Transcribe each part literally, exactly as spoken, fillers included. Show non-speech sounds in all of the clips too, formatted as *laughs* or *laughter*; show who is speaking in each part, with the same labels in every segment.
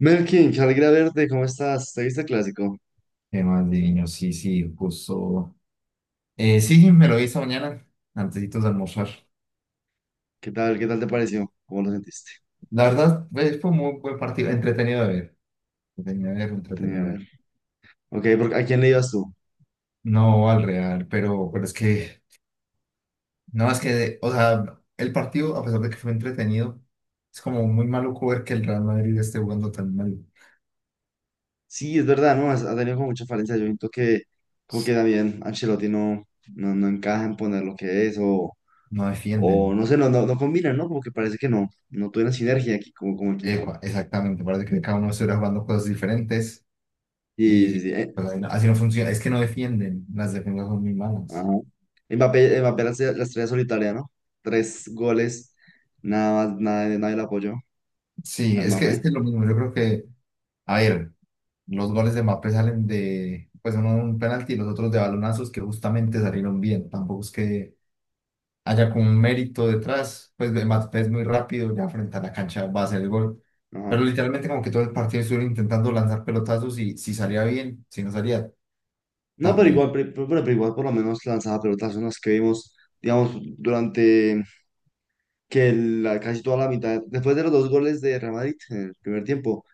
Speaker 1: Melkin, qué alegría verte, ¿cómo estás? ¿Te viste el clásico?
Speaker 2: Qué más divino, sí, sí, justo. Eh, sí, me lo vi esta mañana, antesitos de almorzar.
Speaker 1: ¿Qué tal? ¿Qué tal te pareció? ¿Cómo lo sentiste?
Speaker 2: La verdad, eh, fue un muy buen partido, entretenido de ver, entretenido de ver, entretenido
Speaker 1: Tenía
Speaker 2: de
Speaker 1: que
Speaker 2: ver.
Speaker 1: ver. Ok, porque ¿a quién le ibas tú?
Speaker 2: No al Real, pero, pero es que, no, es que, o sea, el partido, a pesar de que fue entretenido, es como muy maluco ver que el Real Madrid esté jugando tan mal.
Speaker 1: Sí, es verdad, ¿no? Has- Ha tenido como mucha falencia. Yo siento que como que también Ancelotti no, no, no encaja en poner lo que es o,
Speaker 2: No
Speaker 1: o
Speaker 2: defienden.
Speaker 1: no sé, no, no, no combina, ¿no? Como que parece que no, no tuvieron sinergia aquí como, como equipo.
Speaker 2: Epa, exactamente, parece que cada uno estuviera jugando cosas diferentes
Speaker 1: Y sí, sí,
Speaker 2: y
Speaker 1: eh,
Speaker 2: pues, así no así no funciona. Es que no defienden, las defensas son muy
Speaker 1: ajá.
Speaker 2: malas.
Speaker 1: Mbappé, Mbappé, la, estrella la estrella solitaria, ¿no? Tres goles, nada más, nada, nadie le apoyó
Speaker 2: Sí,
Speaker 1: a
Speaker 2: es que es
Speaker 1: Mbappé.
Speaker 2: que lo mismo. Yo creo que, a ver, los goles de Mbappé salen de, pues uno de un penalti y los otros de balonazos que justamente salieron bien. Tampoco es que haya como un mérito detrás. Pues de Mbappé es muy rápido, ya frente a la cancha va a hacer el gol. Pero literalmente como que todo el partido estuvieron intentando lanzar pelotazos y si salía bien, si no salía,
Speaker 1: No, pero
Speaker 2: también.
Speaker 1: igual, pero, pero- igual por lo menos lanzaba pelotas, unas que vimos, digamos, durante que la- casi toda la mitad, después de los dos goles de Real Madrid en el primer tiempo,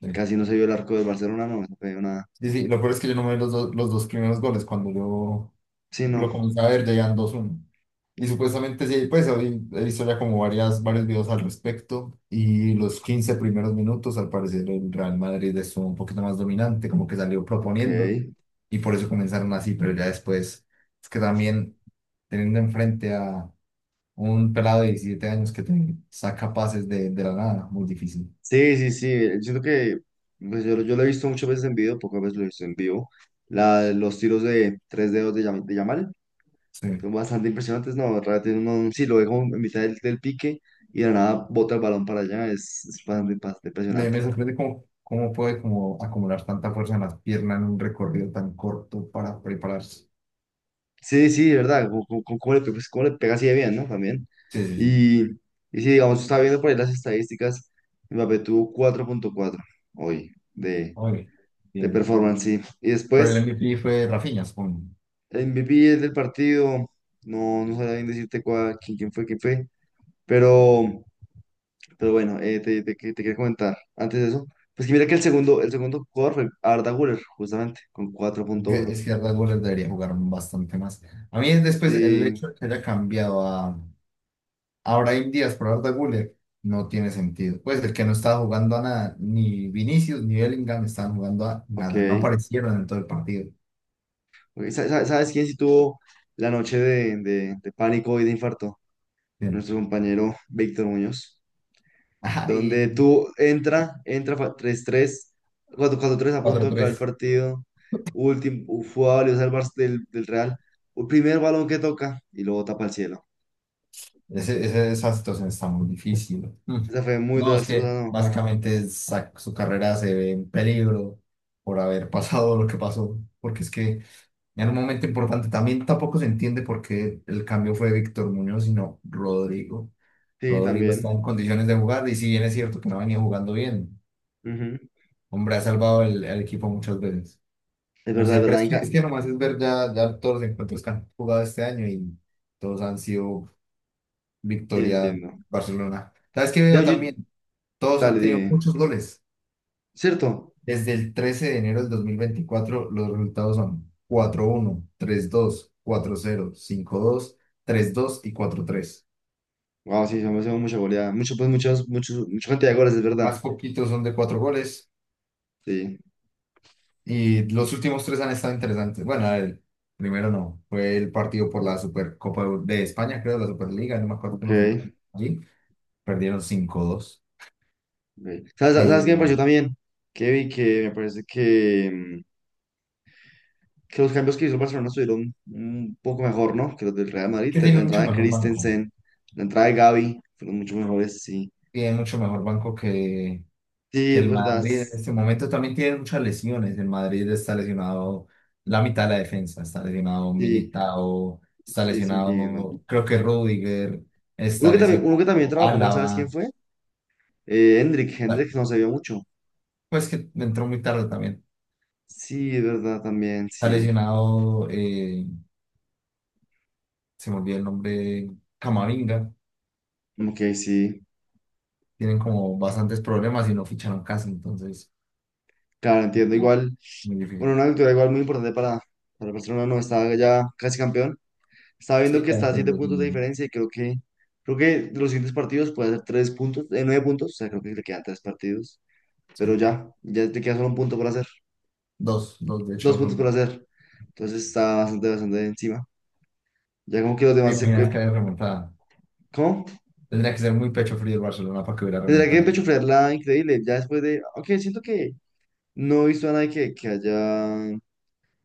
Speaker 2: Sí.
Speaker 1: casi no se vio el arco del Barcelona, no, no se vio nada.
Speaker 2: Sí, sí, lo peor es que yo no me vi los, dos- los dos primeros goles. Cuando yo
Speaker 1: Sí, no,
Speaker 2: lo comencé a ver, ya iban dos uno. Y supuestamente sí, pues hoy he visto ya como varias, varios videos al respecto. Y los quince primeros minutos, al parecer, el Real Madrid estuvo un poquito más dominante, como que salió proponiendo.
Speaker 1: ok.
Speaker 2: Y por eso comenzaron así, pero ya después, es que también teniendo enfrente a un pelado de diecisiete años que te saca pases de, de la nada, muy difícil.
Speaker 1: Sí, sí, sí, siento que pues, yo, yo lo he visto muchas veces en video, pocas veces lo he visto en vivo. La, los tiros de tres dedos de, Yam- de Yamal
Speaker 2: Sí.
Speaker 1: son bastante impresionantes, no, realmente uno sí lo ve como en mitad del, del pique y de la nada bota el balón para allá, es, es bastante bastante
Speaker 2: Me,
Speaker 1: impresionante.
Speaker 2: me sorprende cómo, cómo puede como acumular tanta fuerza en las piernas en un recorrido tan corto para prepararse.
Speaker 1: Sí, sí, ¿verdad? ¿Cómo, cómo- cómo le, pe- pues, cómo le pega así de bien, ¿no? También.
Speaker 2: Sí, sí, sí.
Speaker 1: Y, y si digamos, estaba viendo por ahí las estadísticas, Mbappé tuvo cuatro punto cuatro hoy de,
Speaker 2: Oye,
Speaker 1: de
Speaker 2: bien.
Speaker 1: performance, sí. Y
Speaker 2: Pero el
Speaker 1: después,
Speaker 2: M V P fue Rafinha, supongo.
Speaker 1: el M V P del partido, no, no sabía bien decirte cuál, quién, quién fue, quién fue, pero, pero bueno, eh, te, te, que- te quería comentar antes de eso, pues que mira que el segundo, el segundo jugador fue Arda Güler, justamente, con cuatro
Speaker 2: Es
Speaker 1: punto
Speaker 2: que
Speaker 1: uno
Speaker 2: es que a Red debería jugar bastante más. A mí después el
Speaker 1: Sí,
Speaker 2: hecho de que haya cambiado a, a Brahim Díaz por Arda Güler no tiene sentido. Pues el que no estaba jugando a nada, ni Vinicius ni Bellingham estaban jugando a
Speaker 1: ok.
Speaker 2: nada. No aparecieron en todo el partido.
Speaker 1: Güey, sa- sa- ¿sabes quién sí tuvo la noche de, de- de pánico y de infarto?
Speaker 2: Bien.
Speaker 1: Nuestro compañero Víctor Muñoz. Donde
Speaker 2: Ay,
Speaker 1: tú entra, entra fa- tres 3 cuatro cuatro cuatro tres a punto
Speaker 2: cuatro
Speaker 1: de acabar el
Speaker 2: tres
Speaker 1: partido. Último, fue a valiosa el Barça del, del Real. El primer balón que toca y luego tapa el cielo.
Speaker 2: Ese, ese- esa situación está muy difícil. Mm.
Speaker 1: Esa fue muy
Speaker 2: No, es que
Speaker 1: desastrosa, ¿no?
Speaker 2: básicamente sa- su carrera se ve en peligro por haber *laughs* pasado lo que pasó, porque es que en un momento importante también tampoco se entiende por qué el cambio fue Víctor Muñoz, sino Rodrigo.
Speaker 1: Sí,
Speaker 2: Rodrigo está
Speaker 1: también.
Speaker 2: en condiciones de jugar y si bien es cierto que no venía jugando bien,
Speaker 1: Ujú.
Speaker 2: hombre, ha salvado el, el equipo muchas veces.
Speaker 1: Es
Speaker 2: No
Speaker 1: verdad,
Speaker 2: sé,
Speaker 1: es
Speaker 2: pero
Speaker 1: verdad,
Speaker 2: es que,
Speaker 1: Inca.
Speaker 2: es que nomás es ver ya, ya todos los encuentros que han jugado este año y todos han sido
Speaker 1: Sí,
Speaker 2: victoria
Speaker 1: entiendo.
Speaker 2: Barcelona. ¿Sabes qué
Speaker 1: Ya,
Speaker 2: veo
Speaker 1: yo-
Speaker 2: también? Todos han
Speaker 1: dale,
Speaker 2: tenido
Speaker 1: dime.
Speaker 2: muchos goles.
Speaker 1: ¿Cierto?
Speaker 2: Desde el trece de enero del dos mil veinticuatro los resultados son cuatro uno, tres dos, cuatro cero, cinco dos, tres dos y cuatro tres.
Speaker 1: Wow, sí, se me hace mucha goleada. Mucho, pues, muchos, muchos, mucha cantidad de goles, es verdad.
Speaker 2: Más poquitos son de cuatro goles
Speaker 1: Sí.
Speaker 2: y los últimos tres han estado interesantes. Bueno, el primero no, fue el partido por
Speaker 1: Ok,
Speaker 2: la Supercopa de España, creo, la Superliga, no me acuerdo cómo se llama
Speaker 1: ok.
Speaker 2: allí. Perdieron cinco dos.
Speaker 1: ¿Sabes,
Speaker 2: Eh,
Speaker 1: sabes qué me pareció también? Que vi que me parece que, mm, que los cambios que hizo el Barcelona estuvieron un poco mejor, ¿no? Que los del Real Madrid.
Speaker 2: que
Speaker 1: La
Speaker 2: tiene mucho
Speaker 1: entrada de
Speaker 2: mejor banco.
Speaker 1: Christensen, la entrada de Gavi, fueron mucho mejores, sí.
Speaker 2: Tiene mucho mejor banco que,
Speaker 1: Sí,
Speaker 2: que
Speaker 1: es
Speaker 2: el
Speaker 1: verdad.
Speaker 2: Madrid en este momento también tiene muchas lesiones. El Madrid está lesionado la mitad de la defensa, está lesionado
Speaker 1: Sí,
Speaker 2: Militao, está
Speaker 1: sí, sí, entiendo.
Speaker 2: lesionado, creo que Rudiger,
Speaker 1: Uno
Speaker 2: está
Speaker 1: que también, uno que también
Speaker 2: lesionado
Speaker 1: trabajó mal, ¿sabes quién
Speaker 2: Álava,
Speaker 1: fue? Eh, Hendrik,
Speaker 2: pa-
Speaker 1: Hendrik no se vio mucho.
Speaker 2: pues que entró muy tarde también.
Speaker 1: Sí, es verdad, también,
Speaker 2: Está
Speaker 1: sí.
Speaker 2: lesionado, eh, se me olvidó el nombre, Camavinga.
Speaker 1: Ok, sí.
Speaker 2: Tienen como bastantes problemas y no ficharon casi, entonces
Speaker 1: Claro, entiendo. Igual,
Speaker 2: muy
Speaker 1: bueno,
Speaker 2: difícil.
Speaker 1: una victoria igual muy importante para, para el Barcelona, no estaba ya casi campeón. Estaba viendo
Speaker 2: Sí,
Speaker 1: que
Speaker 2: ya
Speaker 1: está a siete
Speaker 2: depende de sí,
Speaker 1: puntos de
Speaker 2: mismo.
Speaker 1: diferencia y creo que, creo que los siguientes partidos puede hacer tres puntos, eh, nueve puntos, o sea, creo que le quedan tres partidos,
Speaker 2: Sí.
Speaker 1: pero
Speaker 2: Sí.
Speaker 1: ya, ya te queda solo un punto por hacer,
Speaker 2: Dos, dos de
Speaker 1: dos
Speaker 2: hecho.
Speaker 1: puntos
Speaker 2: Son
Speaker 1: por
Speaker 2: dos.
Speaker 1: hacer. Entonces está bastante, bastante encima. Ya como que los
Speaker 2: ¿Te
Speaker 1: demás se...
Speaker 2: imaginas
Speaker 1: eh,
Speaker 2: que haya remontada?
Speaker 1: ¿Cómo?
Speaker 2: Tendría que ser muy pecho frío el Barcelona para que hubiera
Speaker 1: Tendrá que
Speaker 2: remontado.
Speaker 1: pechofrearla increíble, ya después de... Ok, siento que no he visto a nadie que, que haya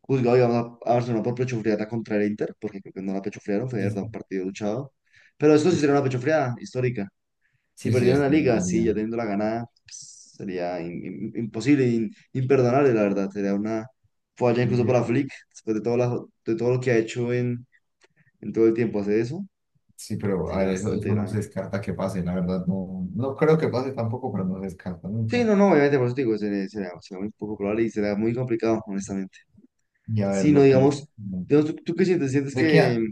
Speaker 1: juzgado, digamos, a, a Barcelona por pechofrearla contra el Inter, porque creo que no la pechofrearon, fue de
Speaker 2: Es-
Speaker 1: verdad un partido luchado. Pero esto sí
Speaker 2: es-
Speaker 1: será una pechofreada histórica. Si
Speaker 2: sí, sí,
Speaker 1: perdieran
Speaker 2: es
Speaker 1: la liga,
Speaker 2: muy
Speaker 1: sí, ya
Speaker 2: bien,
Speaker 1: teniendo la ganada, pues, sería im- im- imposible, in- imperdonable, la verdad. Sería una falla
Speaker 2: muy
Speaker 1: incluso para
Speaker 2: bien.
Speaker 1: Flick, después de todo, la- de todo lo que ha hecho en, en todo el tiempo hacer eso,
Speaker 2: Sí, pero a
Speaker 1: sería
Speaker 2: ver, eso,
Speaker 1: bastante
Speaker 2: eso no se
Speaker 1: grave.
Speaker 2: descarta que pase, la verdad. No, no creo que pase tampoco, pero no se descarta nunca.
Speaker 1: Sí, no, no, obviamente, por eso te digo, sería, sería, sería muy poco probable y sería muy complicado, honestamente.
Speaker 2: Y a ver,
Speaker 1: Si no,
Speaker 2: lo que le,
Speaker 1: digamos,
Speaker 2: no.
Speaker 1: digamos, ¿tú, tú qué sientes? ¿Sientes
Speaker 2: Le
Speaker 1: que
Speaker 2: queda,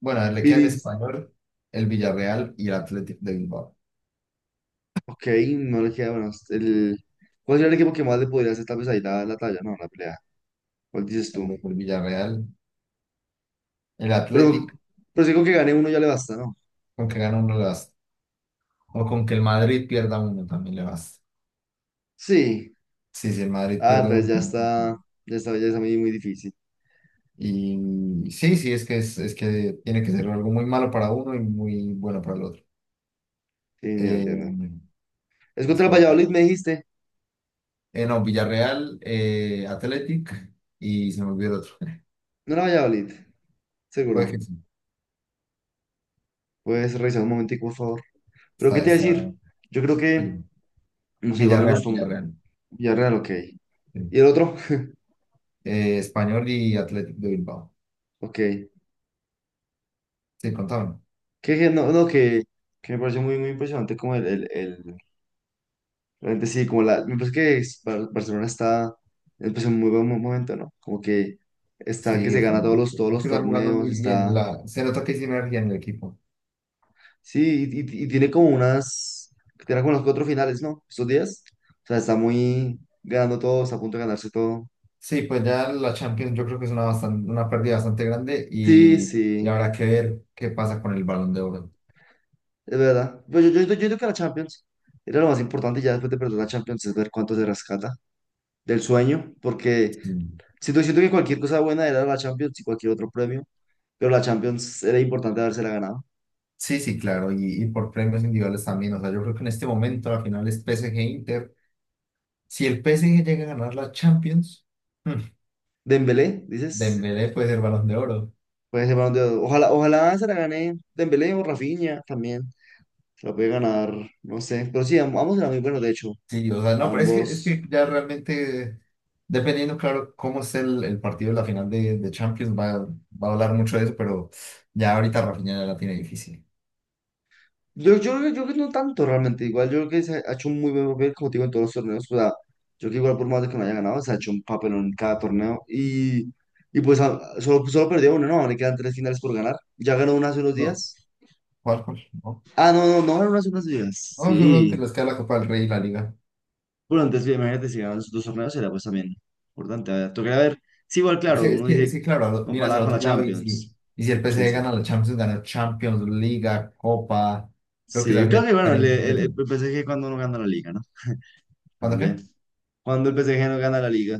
Speaker 2: bueno, a ver, le queda el
Speaker 1: Vini,
Speaker 2: Español, el Villarreal y el Athletic de Bilbao.
Speaker 1: ok, no le queda, bueno, el, ¿cuál sería el equipo que más le podría hacer tal vez ahí la, la talla? No, la pelea. ¿Cuál dices
Speaker 2: Tal
Speaker 1: tú?
Speaker 2: vez El Villarreal, el
Speaker 1: Pero,
Speaker 2: Athletic,
Speaker 1: pero si con que gane uno ya le basta, ¿no?
Speaker 2: con que gana uno le basta. O con que el Madrid pierda uno también le basta.
Speaker 1: Sí,
Speaker 2: Sí, si el Madrid
Speaker 1: ah,
Speaker 2: pierde
Speaker 1: entonces
Speaker 2: uno.
Speaker 1: ya está, ya está, ya está muy, muy difícil.
Speaker 2: Y sí, sí, es que, es, es que tiene que ser algo muy malo para uno y muy bueno para el otro.
Speaker 1: Sí, ya entiendo.
Speaker 2: Eh,
Speaker 1: Es contra el
Speaker 2: Espera, espera.
Speaker 1: Valladolid, me dijiste.
Speaker 2: Eh, no, Villarreal, eh, Athletic y se me olvidó el otro. *laughs*
Speaker 1: No era Valladolid,
Speaker 2: Puede
Speaker 1: seguro.
Speaker 2: que sí.
Speaker 1: Puedes revisar un momentico, por favor. Pero, ¿qué
Speaker 2: Está,
Speaker 1: te iba a
Speaker 2: está,
Speaker 1: decir? Yo creo que,
Speaker 2: sí.
Speaker 1: no sé, igual me
Speaker 2: Villarreal,
Speaker 1: gustó un-
Speaker 2: Villarreal.
Speaker 1: Villarreal, ok.
Speaker 2: Sí.
Speaker 1: ¿Y el otro? *laughs*
Speaker 2: Eh, Español y Athletic de Bilbao.
Speaker 1: Ok. Que,
Speaker 2: Sí, contaban.
Speaker 1: que no, no, que, que me pareció muy, muy impresionante como el, el, el- realmente sí, como la, me parece que es- Bar- Barcelona está, empezó en muy buen momento, ¿no? Como que está, que
Speaker 2: Sí,
Speaker 1: se gana todos
Speaker 2: están,
Speaker 1: los,
Speaker 2: es
Speaker 1: todos los
Speaker 2: que están jugando
Speaker 1: torneos,
Speaker 2: muy bien.
Speaker 1: está.
Speaker 2: La, se nota que hay sinergia en el equipo.
Speaker 1: Sí, y, y- y tiene como unas, tiene como unos cuatro finales, ¿no? Estos días. O sea, está muy ganando todo, está a punto de ganarse todo.
Speaker 2: Sí, pues ya la Champions yo creo que es una, bastan- una pérdida bastante grande
Speaker 1: Sí,
Speaker 2: y, y
Speaker 1: sí,
Speaker 2: habrá que ver qué pasa con el Balón de Oro.
Speaker 1: es verdad. Pero yo, yo, yo creo que la Champions era lo más importante ya después de perder la Champions, es ver cuánto se rescata del sueño, porque
Speaker 2: Mm.
Speaker 1: siento, siento que cualquier cosa buena era la Champions y cualquier otro premio, pero la Champions era importante habérsela ganado.
Speaker 2: Sí, sí, claro, y, y por premios individuales también. O sea, yo creo que en este momento la final es P S G Inter. Si el P S G llega a ganar la Champions, mm,
Speaker 1: Dembélé, dices,
Speaker 2: Dembélé puede ser Balón de Oro.
Speaker 1: puede ser Balón de Oro. Ojalá, ojalá se la gane Dembélé o Rafinha también. La puede ganar, no sé. Pero sí, am- ambos eran muy buenos, de hecho.
Speaker 2: Sí, o sea, no, pero es que, es
Speaker 1: Ambos.
Speaker 2: que ya realmente, dependiendo, claro, cómo esté el, el partido de la final de, de Champions, va, va a hablar mucho de eso, pero ya ahorita Rafinha ya la tiene difícil.
Speaker 1: Yo, yo, creo- yo creo que no tanto realmente. Igual yo creo que se ha hecho un muy buen papel, como te digo, en todos los torneos. O sea, yo creo que igual por más de que no haya ganado, se ha hecho un papel en cada torneo. Y, y pues a- solo, solo perdió uno, ¿no? Le quedan tres finales por ganar. Ya ganó una hace unos
Speaker 2: No,
Speaker 1: días.
Speaker 2: ¿cuál, cuál? No,
Speaker 1: Ah, no, no, no ganó una hace unos días.
Speaker 2: no, solo te
Speaker 1: Sí.
Speaker 2: les queda la Copa del Rey y la Liga.
Speaker 1: Bueno, antes, sí, imagínate, si ganan esos dos torneos, sería pues también importante. A ver, tocaría ver. Sí, igual,
Speaker 2: Es
Speaker 1: claro,
Speaker 2: que, es
Speaker 1: uno
Speaker 2: que, es
Speaker 1: dice,
Speaker 2: que, claro, al- miras
Speaker 1: comparada
Speaker 2: al
Speaker 1: con la
Speaker 2: otro lado y si,
Speaker 1: Champions.
Speaker 2: y si el
Speaker 1: Sí,
Speaker 2: P S G
Speaker 1: sí.
Speaker 2: gana la Champions, gana Champions, Liga, Copa, creo que se
Speaker 1: Sí,
Speaker 2: hacía
Speaker 1: creo
Speaker 2: el
Speaker 1: que bueno, el,
Speaker 2: tarea
Speaker 1: el,
Speaker 2: completo.
Speaker 1: el P S G cuando no gana la liga, ¿no?
Speaker 2: ¿Cuándo
Speaker 1: También.
Speaker 2: qué?
Speaker 1: Cuando el P S G no gana la liga.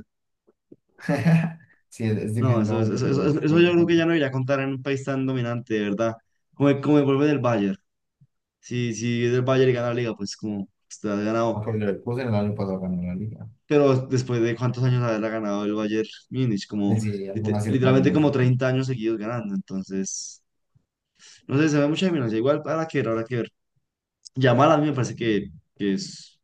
Speaker 2: *laughs* Sí, es, es
Speaker 1: No,
Speaker 2: difícil,
Speaker 1: eso,
Speaker 2: ¿no?
Speaker 1: eso, eso,
Speaker 2: Pero,
Speaker 1: eso- eso
Speaker 2: pero
Speaker 1: yo
Speaker 2: no
Speaker 1: creo que ya
Speaker 2: tanto.
Speaker 1: no iría a contar en un país tan dominante, de verdad. Como, el- como el volver del Bayern. Si, si es del Bayern y gana la liga, pues como te has ganado.
Speaker 2: Aunque el Leverkusen el año pasado ganó la Liga.
Speaker 1: Pero después de cuántos años haberla ganado el Bayern Múnich,
Speaker 2: Y
Speaker 1: como
Speaker 2: si alguna
Speaker 1: lite-
Speaker 2: cierta
Speaker 1: literalmente
Speaker 2: no.
Speaker 1: como treinta años seguidos ganando. Entonces, no sé, se ve mucha dominancia. Igual, habrá que ver, habrá que ver. Yamal a mí me parece que, que es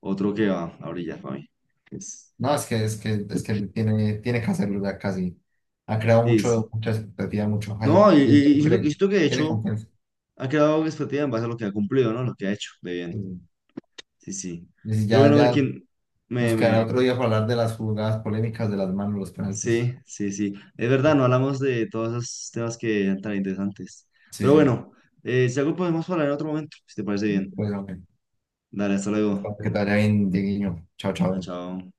Speaker 1: otro que va a brillar para mí. Es,
Speaker 2: No, es que, es que, es que tiene, tiene que hacerlo ya casi. Ha creado
Speaker 1: sí, sí.
Speaker 2: mucho, mucha expectativa, mucho hype.
Speaker 1: No, y,
Speaker 2: Y él
Speaker 1: y-
Speaker 2: te
Speaker 1: y siento, y
Speaker 2: cree,
Speaker 1: siento que de
Speaker 2: tiene
Speaker 1: hecho
Speaker 2: confianza.
Speaker 1: ha creado expectativa en base a lo que ha cumplido, ¿no? Lo que ha hecho de bien.
Speaker 2: Sí.
Speaker 1: Sí, sí.
Speaker 2: Y si
Speaker 1: Pero
Speaker 2: ya,
Speaker 1: bueno, a ver
Speaker 2: ya
Speaker 1: quién
Speaker 2: nos
Speaker 1: me,
Speaker 2: quedará
Speaker 1: me...
Speaker 2: otro día para hablar de las jugadas polémicas de las manos, los penaltis.
Speaker 1: Sí, sí, sí. Es verdad, no hablamos de todos esos temas que eran tan interesantes.
Speaker 2: Sí,
Speaker 1: Pero
Speaker 2: sí.
Speaker 1: bueno, eh, si algo podemos hablar en otro momento, si te parece bien.
Speaker 2: Bueno,
Speaker 1: Dale, hasta luego.
Speaker 2: que estará bien, Dieguiño. Chao, chao.
Speaker 1: Ah, chao.